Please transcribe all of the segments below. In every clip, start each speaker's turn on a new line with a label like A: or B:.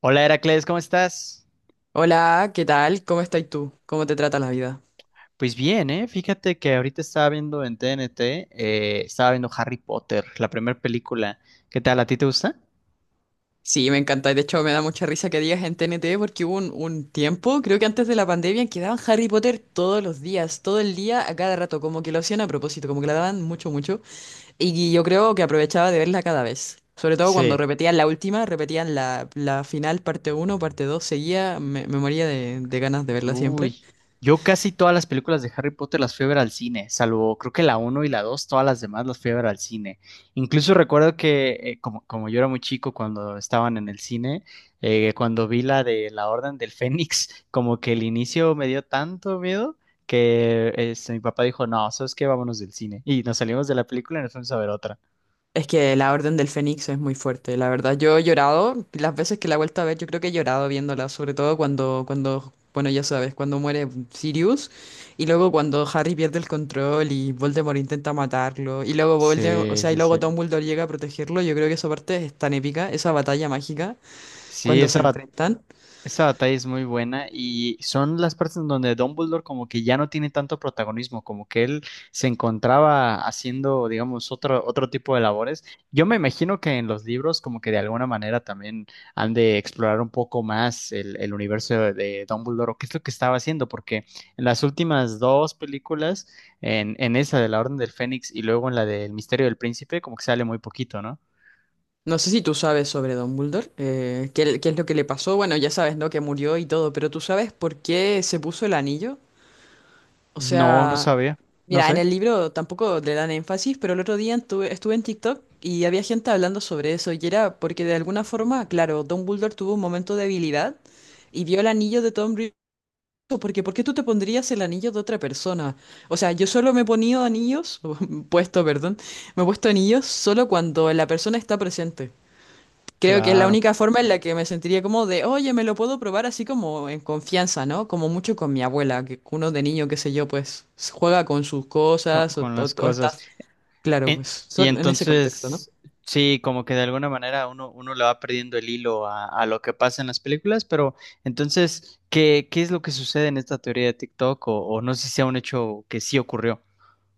A: Hola Heracles, ¿cómo estás?
B: Hola, ¿qué tal? ¿Cómo estás tú? ¿Cómo te trata la vida?
A: Pues bien, ¿eh? Fíjate que ahorita estaba viendo en TNT, estaba viendo Harry Potter, la primera película. ¿Qué tal? ¿A ti te gusta?
B: Sí, me encanta. De hecho, me da mucha risa que digas en TNT porque hubo un tiempo, creo que antes de la pandemia, en que daban Harry Potter todos los días, todo el día, a cada rato, como que lo hacían a propósito, como que la daban mucho, mucho. Y yo creo que aprovechaba de verla cada vez. Sobre todo cuando
A: Sí.
B: repetían la última, repetían la final, parte uno, parte 2, seguía, me moría de ganas de verla siempre.
A: Uy, yo casi todas las películas de Harry Potter las fui a ver al cine, salvo creo que la uno y la 2, todas las demás las fui a ver al cine. Incluso recuerdo que como yo era muy chico cuando estaban en el cine, cuando vi la de la Orden del Fénix, como que el inicio me dio tanto miedo que este, mi papá dijo, no, ¿sabes qué? Vámonos del cine. Y nos salimos de la película y nos fuimos a ver otra.
B: Es que la Orden del Fénix es muy fuerte, la verdad. Yo he llorado, las veces que la he vuelto a ver, yo creo que he llorado viéndola, sobre todo cuando, bueno, ya sabes, cuando muere Sirius y luego cuando Harry pierde el control y Voldemort intenta matarlo y luego Voldemort, o
A: Sí,
B: sea, y
A: sí,
B: luego
A: sí.
B: Dumbledore llega a protegerlo, yo creo que esa parte es tan épica, esa batalla mágica
A: Sí,
B: cuando se
A: esa.
B: enfrentan.
A: Esa batalla es muy buena y son las partes en donde Dumbledore como que ya no tiene tanto protagonismo, como que él se encontraba haciendo, digamos, otro tipo de labores. Yo me imagino que en los libros como que de alguna manera también han de explorar un poco más el universo de Dumbledore o qué es lo que estaba haciendo, porque en las últimas dos películas, en esa de la Orden del Fénix y luego en la del Misterio del Príncipe, como que sale muy poquito, ¿no?
B: No sé si tú sabes sobre Dumbledore, qué es lo que le pasó, bueno, ya sabes, ¿no? Que murió y todo, pero ¿tú sabes por qué se puso el anillo? O
A: No, no
B: sea,
A: sabía, no
B: mira, en
A: sé,
B: el libro tampoco le dan énfasis, pero el otro día estuve en TikTok y había gente hablando sobre eso, y era porque de alguna forma, claro, Dumbledore tuvo un momento de debilidad y vio el anillo de Tom Riddle, porque ¿por qué tú te pondrías el anillo de otra persona? O sea, yo solo me he ponido anillos, puesto, perdón, me he puesto anillos solo cuando la persona está presente. Creo que es la
A: claro,
B: única forma en la que me sentiría como de, oye, me lo puedo probar así como en confianza, ¿no? Como mucho con mi abuela, que uno de niño, qué sé yo, pues juega con sus cosas o,
A: con
B: o,
A: las
B: o está,
A: cosas.
B: claro, pues
A: Y
B: solo en ese contexto, ¿no?
A: entonces, sí, como que de alguna manera uno le va perdiendo el hilo a lo que pasa en las películas, pero entonces, ¿ qué es lo que sucede en esta teoría de TikTok? O no sé si sea un hecho que sí ocurrió.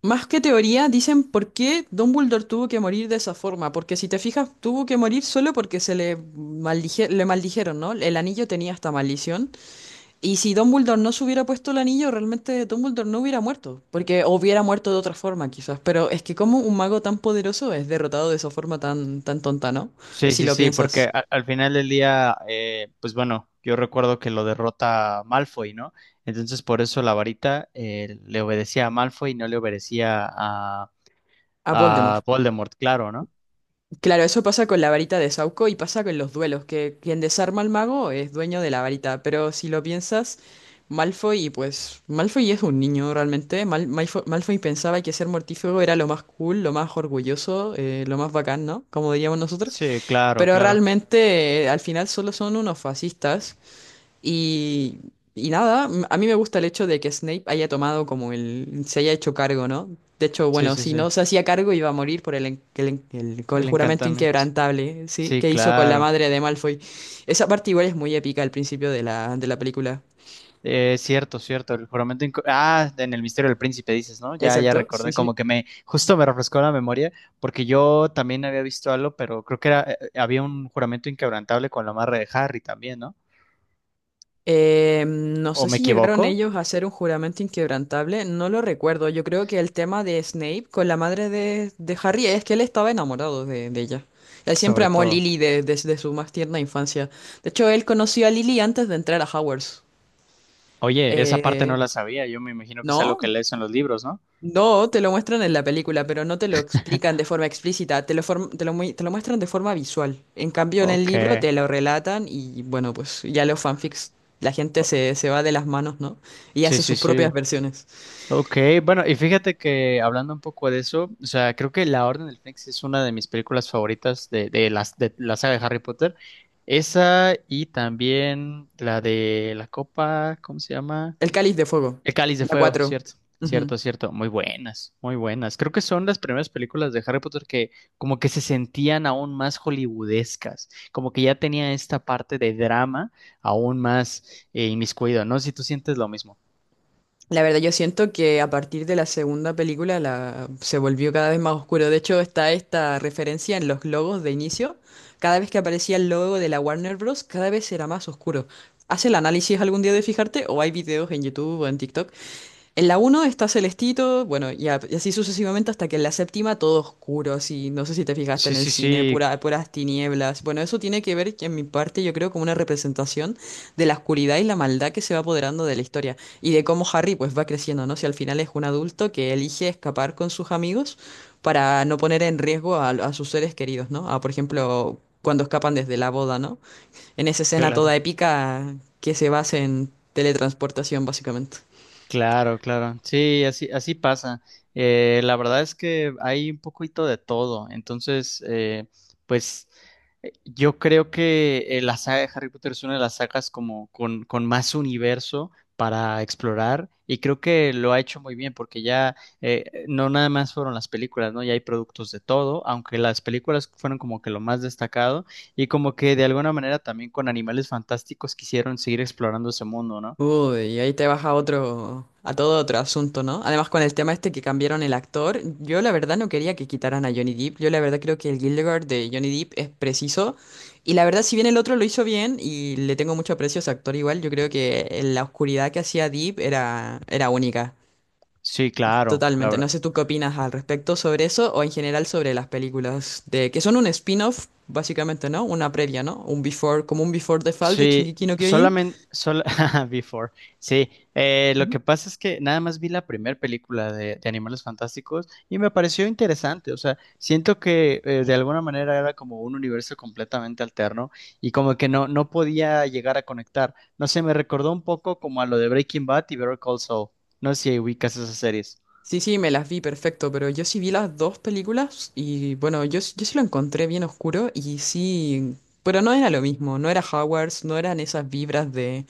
B: Más que teoría, dicen por qué Dumbledore tuvo que morir de esa forma, porque si te fijas, tuvo que morir solo porque le maldijeron, ¿no? El anillo tenía esta maldición. Y si Dumbledore no se hubiera puesto el anillo, realmente Dumbledore no hubiera muerto, porque o hubiera muerto de otra forma quizás, pero es que como un mago tan poderoso es derrotado de esa forma tan, tan tonta, ¿no?
A: Sí,
B: Si
A: sí,
B: lo
A: sí,
B: piensas,
A: porque al final del día, pues bueno, yo recuerdo que lo derrota Malfoy, ¿no? Entonces por eso la varita le obedecía a Malfoy y no le obedecía
B: a
A: a
B: Voldemort.
A: Voldemort, claro, ¿no?
B: Claro, eso pasa con la varita de Sauco y pasa con los duelos, que quien desarma al mago es dueño de la varita, pero si lo piensas, Malfoy, pues Malfoy es un niño realmente, Malfoy pensaba que ser mortífago era lo más cool, lo más orgulloso, lo más bacán, ¿no? Como diríamos nosotros.
A: Sí, claro,
B: Pero
A: claro.
B: realmente al final solo son unos fascistas y, y nada, a mí me gusta el hecho de que Snape haya tomado como el... se haya hecho cargo, ¿no? De hecho,
A: Sí,
B: bueno,
A: sí,
B: si
A: sí.
B: no se hacía cargo iba a morir por con el
A: El
B: juramento
A: encantamiento.
B: inquebrantable, ¿sí?
A: Sí,
B: Que hizo con la
A: claro.
B: madre de Malfoy. Esa parte igual es muy épica al principio de la película.
A: Es cierto, cierto. Ah, en el Misterio del Príncipe dices, ¿no? Ya, ya
B: Exacto, sí,
A: recordé, como
B: sí.
A: que me, justo me refrescó la memoria, porque yo también había visto algo, pero creo que era, había un juramento inquebrantable con la amarre de Harry también, ¿no?
B: No
A: ¿O
B: sé
A: me
B: si llegaron
A: equivoco?
B: ellos a hacer un juramento inquebrantable, no lo recuerdo. Yo creo que el tema de Snape con la madre de Harry es que él estaba enamorado de ella. Él siempre
A: Sobre
B: amó a
A: todo.
B: Lily desde su más tierna infancia. De hecho, él conoció a Lily antes de entrar a Hogwarts.
A: Oye, esa parte no
B: Eh,
A: la sabía, yo me imagino que es algo que
B: ¿No?
A: lees en los libros, ¿no?
B: No, te lo muestran en la película, pero no te lo explican de forma explícita, te lo muestran de forma visual. En cambio, en el
A: Ok.
B: libro te lo relatan y bueno, pues ya los fanfics, la gente se va de las manos, ¿no? Y
A: Sí,
B: hace
A: sí,
B: sus propias
A: sí.
B: versiones.
A: Ok, bueno, y fíjate que hablando un poco de eso, o sea, creo que La Orden del Fénix es una de mis películas favoritas de de la saga de Harry Potter. Esa y también la de la copa, ¿cómo se llama?
B: El Cáliz de Fuego,
A: El Cáliz de
B: la
A: Fuego,
B: 4.
A: cierto, cierto, cierto. Muy buenas, muy buenas. Creo que son las primeras películas de Harry Potter que como que se sentían aún más hollywoodescas, como que ya tenía esta parte de drama aún más inmiscuido, ¿no? Si tú sientes lo mismo.
B: La verdad, yo siento que a partir de la segunda película se volvió cada vez más oscuro. De hecho, está esta referencia en los logos de inicio. Cada vez que aparecía el logo de la Warner Bros., cada vez era más oscuro. ¿Haz el análisis algún día de fijarte? ¿O hay videos en YouTube o en TikTok? En la uno está Celestito, bueno, y así sucesivamente hasta que en la séptima todo oscuro, así, no sé si te fijaste
A: Sí,
B: en el
A: sí,
B: cine,
A: sí,
B: pura, puras tinieblas. Bueno, eso tiene que ver, que en mi parte, yo creo, como una representación de la oscuridad y la maldad que se va apoderando de la historia y de cómo Harry pues va creciendo, ¿no? Si al final es un adulto que elige escapar con sus amigos para no poner en riesgo a sus seres queridos, ¿no? A, por ejemplo, cuando escapan desde la boda, ¿no? En esa escena
A: claro.
B: toda épica que se basa en teletransportación, básicamente.
A: Claro, claro. Sí, así, así pasa. La verdad es que hay un poquito de todo. Entonces, pues yo creo que la saga de Harry Potter es una de las sagas como con más universo para explorar y creo que lo ha hecho muy bien porque ya no nada más fueron las películas, ¿no? Ya hay productos de todo, aunque las películas fueron como que lo más destacado y como que de alguna manera también con Animales Fantásticos quisieron seguir explorando ese mundo, ¿no?
B: Uy, y ahí te vas a otro, a todo otro asunto, ¿no? Además, con el tema este que cambiaron el actor, yo la verdad no quería que quitaran a Johnny Depp. Yo la verdad creo que el Gildegard de Johnny Depp es preciso. Y la verdad, si bien el otro lo hizo bien y le tengo mucho aprecio a ese actor igual, yo creo que en la oscuridad que hacía Depp era única.
A: Sí, claro, la
B: Totalmente.
A: verdad.
B: No sé tú qué opinas al respecto sobre eso o en general sobre las películas de que son un spin-off, básicamente, ¿no? Una previa, ¿no? Un before, como un before the fall de
A: Sí,
B: Shingeki no Kyojin.
A: solamente, sol- Before. Sí, lo que pasa es que nada más vi la primera película de Animales Fantásticos y me pareció interesante. O sea, siento que de alguna manera era como un universo completamente alterno y como que no, no podía llegar a conectar. No sé, me recordó un poco como a lo de Breaking Bad y Better Call Saul. No sé si ubicas esas series.
B: Sí, sí, me las vi perfecto, pero yo sí vi las dos películas y bueno, yo sí lo encontré bien oscuro y sí, pero no era lo mismo, no era Hogwarts, no eran esas vibras de...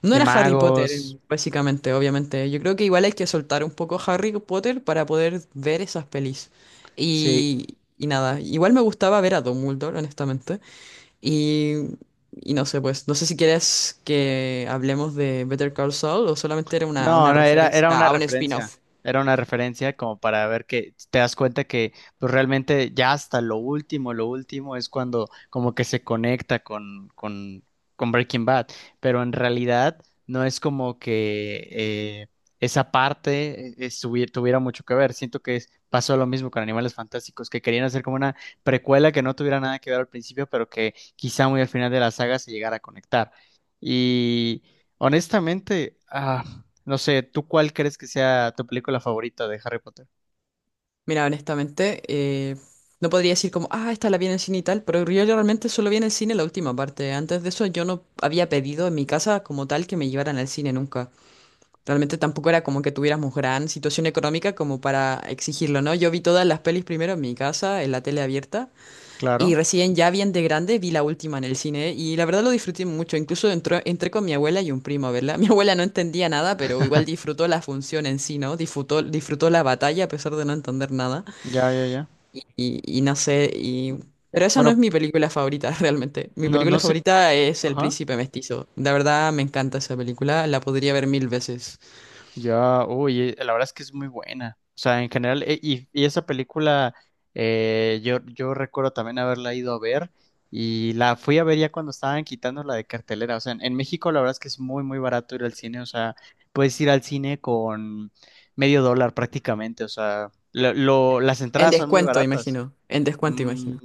B: No
A: De
B: era Harry Potter,
A: magos.
B: básicamente, obviamente. Yo creo que igual hay que soltar un poco Harry Potter para poder ver esas pelis.
A: Sí,
B: Y nada, igual me gustaba ver a Dumbledore, honestamente. Y, y no sé, pues, no sé si quieres que hablemos de Better Call Saul o solamente era una,
A: no,
B: una
A: no, era,
B: referencia a un spin-off.
A: era una referencia como para ver que te das cuenta que pues realmente ya hasta lo último es cuando como que se conecta con Breaking Bad, pero en realidad no es como que esa parte tuviera mucho que ver. Siento que pasó lo mismo con Animales Fantásticos, que querían hacer como una precuela que no tuviera nada que ver al principio, pero que quizá muy al final de la saga se llegara a conectar. Y honestamente... ah, no sé, ¿tú cuál crees que sea tu película favorita de Harry Potter?
B: Mira, honestamente, no podría decir como, ah, esta la vi en el cine y tal, pero yo realmente solo vi en el cine la última parte. Antes de eso yo no había pedido en mi casa como tal que me llevaran al cine nunca. Realmente tampoco era como que tuviéramos gran situación económica como para exigirlo, ¿no? Yo vi todas las pelis primero en mi casa, en la tele abierta, y
A: Claro.
B: recién ya bien de grande vi la última en el cine, y la verdad lo disfruté mucho. Incluso entré con mi abuela y un primo a verla. Mi abuela no entendía nada, pero igual disfrutó la función en sí, ¿no? Disfrutó la batalla a pesar de no entender nada
A: Ya, ya, ya.
B: y no sé, y... Pero esa no es
A: Bueno,
B: mi película favorita realmente. Mi
A: no, no
B: película
A: sé.
B: favorita es El
A: Ajá.
B: Príncipe Mestizo. La verdad me encanta esa película, la podría ver 1.000 veces.
A: Ya, uy, la verdad es que es muy buena. O sea, en general, y esa película, yo recuerdo también haberla ido a ver y la fui a ver ya cuando estaban quitándola de cartelera. O sea, en México la verdad es que es muy, muy barato ir al cine. O sea, puedes ir al cine con medio dólar prácticamente. O sea, las
B: En
A: entradas son muy
B: descuento,
A: baratas.
B: imagino. En descuento,
A: Mm,
B: imagino.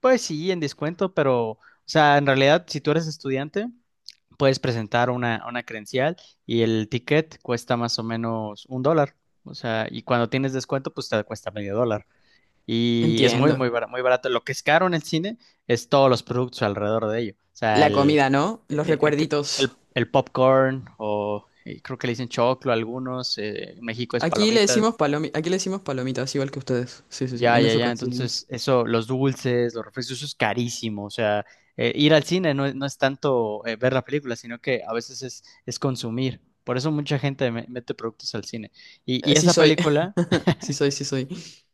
A: pues sí, en descuento, pero, o sea, en realidad, si tú eres estudiante, puedes presentar una credencial y el ticket cuesta más o menos un dólar. O sea, y cuando tienes descuento, pues te cuesta medio dólar. Y es muy,
B: Entiendo.
A: muy barato, muy barato. Lo que es caro en el cine es todos los productos alrededor de ello. O sea,
B: La comida, ¿no? Los recuerditos.
A: el popcorn o creo que le dicen choclo a algunos. En México es
B: Aquí le
A: palomitas.
B: decimos palomitas, igual que ustedes. Sí, sí, sí,
A: Ya,
B: en
A: ya,
B: eso
A: ya. Entonces,
B: coincidimos.
A: eso, los dulces, los refrescos, eso es carísimo. O sea, ir al cine no, no es tanto ver la película, sino que a veces es consumir. Por eso mucha gente mete productos al cine. Y, y
B: Sí
A: esa
B: soy.
A: película,
B: Sí soy, sí soy.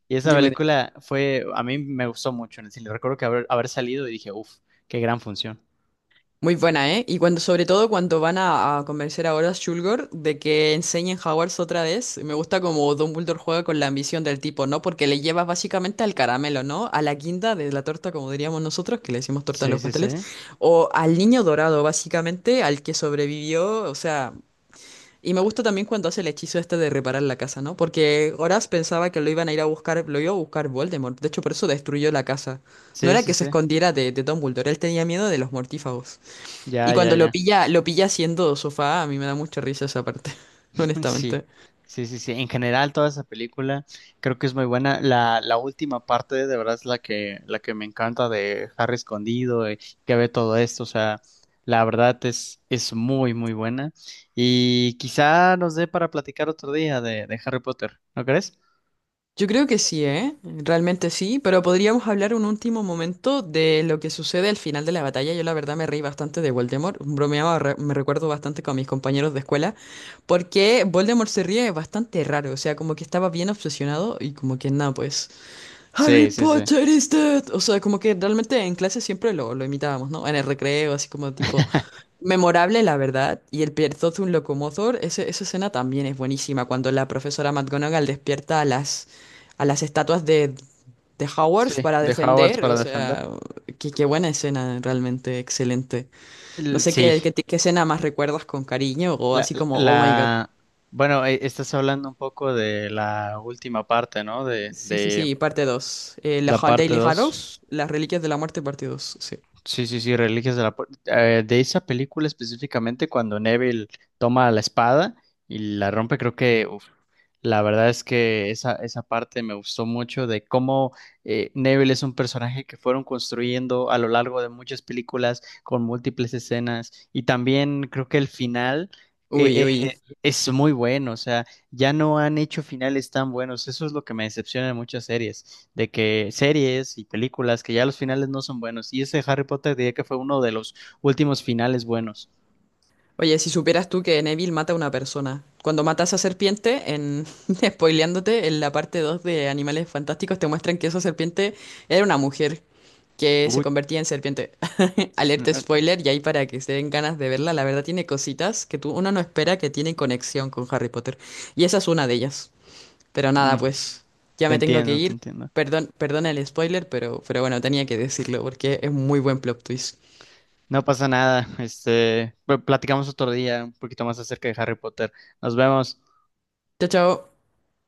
A: y esa
B: Dime.
A: película fue, a mí me gustó mucho en el cine. Recuerdo que haber salido y dije, uff, qué gran función.
B: Muy buena, ¿eh? Y cuando, sobre todo cuando van a convencer a Horace Shulgor de que enseñen Hogwarts otra vez, me gusta como Dumbledore juega con la ambición del tipo, ¿no? Porque le lleva básicamente al caramelo, ¿no? A la guinda de la torta, como diríamos nosotros, que le decimos torta a
A: Sí,
B: los
A: sí,
B: pasteles,
A: sí.
B: o al niño dorado, básicamente, al que sobrevivió, o sea... Y me gusta también cuando hace el hechizo este de reparar la casa, ¿no? Porque Horace pensaba que lo iban a ir a buscar, lo iba a buscar Voldemort, de hecho por eso destruyó la casa. No
A: Sí,
B: era
A: sí,
B: que se
A: sí.
B: escondiera de Dumbledore, él tenía miedo de los mortífagos. Y
A: Ya, ya,
B: cuando
A: ya.
B: lo pilla haciendo sofá, a mí me da mucha risa esa parte,
A: Sí,
B: honestamente.
A: sí, sí, sí. En general, toda esa película creo que es muy buena. La última parte, de verdad, es la que me encanta de Harry escondido, que ve todo esto. O sea, la verdad es muy, muy buena. Y quizá nos dé para platicar otro día de Harry Potter, ¿no crees?
B: Yo creo que sí, ¿eh? Realmente sí, pero podríamos hablar un último momento de lo que sucede al final de la batalla. Yo la verdad me reí bastante de Voldemort, bromeaba, me recuerdo bastante con mis compañeros de escuela, porque Voldemort se ríe bastante raro, o sea, como que estaba bien obsesionado y como que nada, pues, Harry
A: Sí, sí, sí.
B: Potter is dead. O sea, como que realmente en clase siempre lo imitábamos, ¿no? En el recreo, así como tipo... Memorable, la verdad, y el Pierzot un locomotor, esa escena también es buenísima, cuando la profesora McGonagall despierta a las estatuas de
A: Sí,
B: Hogwarts para
A: de Hogwarts
B: defender,
A: para
B: o
A: defender.
B: sea, qué buena escena, realmente excelente. No sé
A: Sí,
B: qué escena más recuerdas con cariño, o
A: la,
B: así como, oh my god.
A: la... Bueno, estás hablando un poco de la última parte, ¿no?
B: Sí, sí,
A: De
B: sí, parte dos. La
A: la
B: Hall
A: parte
B: Daily
A: 2.
B: Harrows, las Reliquias de la Muerte, parte 2 sí.
A: Sí, sí, sí, Reliquias de la Pu- de esa película específicamente cuando Neville toma la espada y la rompe, creo que la verdad es que esa parte me gustó mucho de cómo Neville es un personaje que fueron construyendo a lo largo de muchas películas con múltiples escenas y también creo que el final
B: Uy,
A: eh, eh,
B: uy.
A: es muy bueno, o sea, ya no han hecho finales tan buenos, eso es lo que me decepciona en muchas series, de que series y películas que ya los finales no son buenos y ese Harry Potter diría que fue uno de los últimos finales buenos.
B: Oye, si supieras tú que Neville mata a una persona. Cuando mata a esa serpiente, en spoileándote, en la parte 2 de Animales Fantásticos te muestran que esa serpiente era una mujer que se
A: Uy,
B: convertía en serpiente. Alerta
A: eh, eh,
B: spoiler, y ahí para que se den ganas de verla, la verdad tiene cositas que tú, uno no espera que tienen conexión con Harry Potter. Y esa es una de ellas. Pero nada,
A: mm,
B: pues ya
A: te
B: me tengo que
A: entiendo, te
B: ir.
A: entiendo.
B: Perdón, perdona el spoiler, pero, bueno, tenía que decirlo porque es muy buen plot twist.
A: No pasa nada. Este, platicamos otro día un poquito más acerca de Harry Potter. Nos vemos.
B: Chao, chao.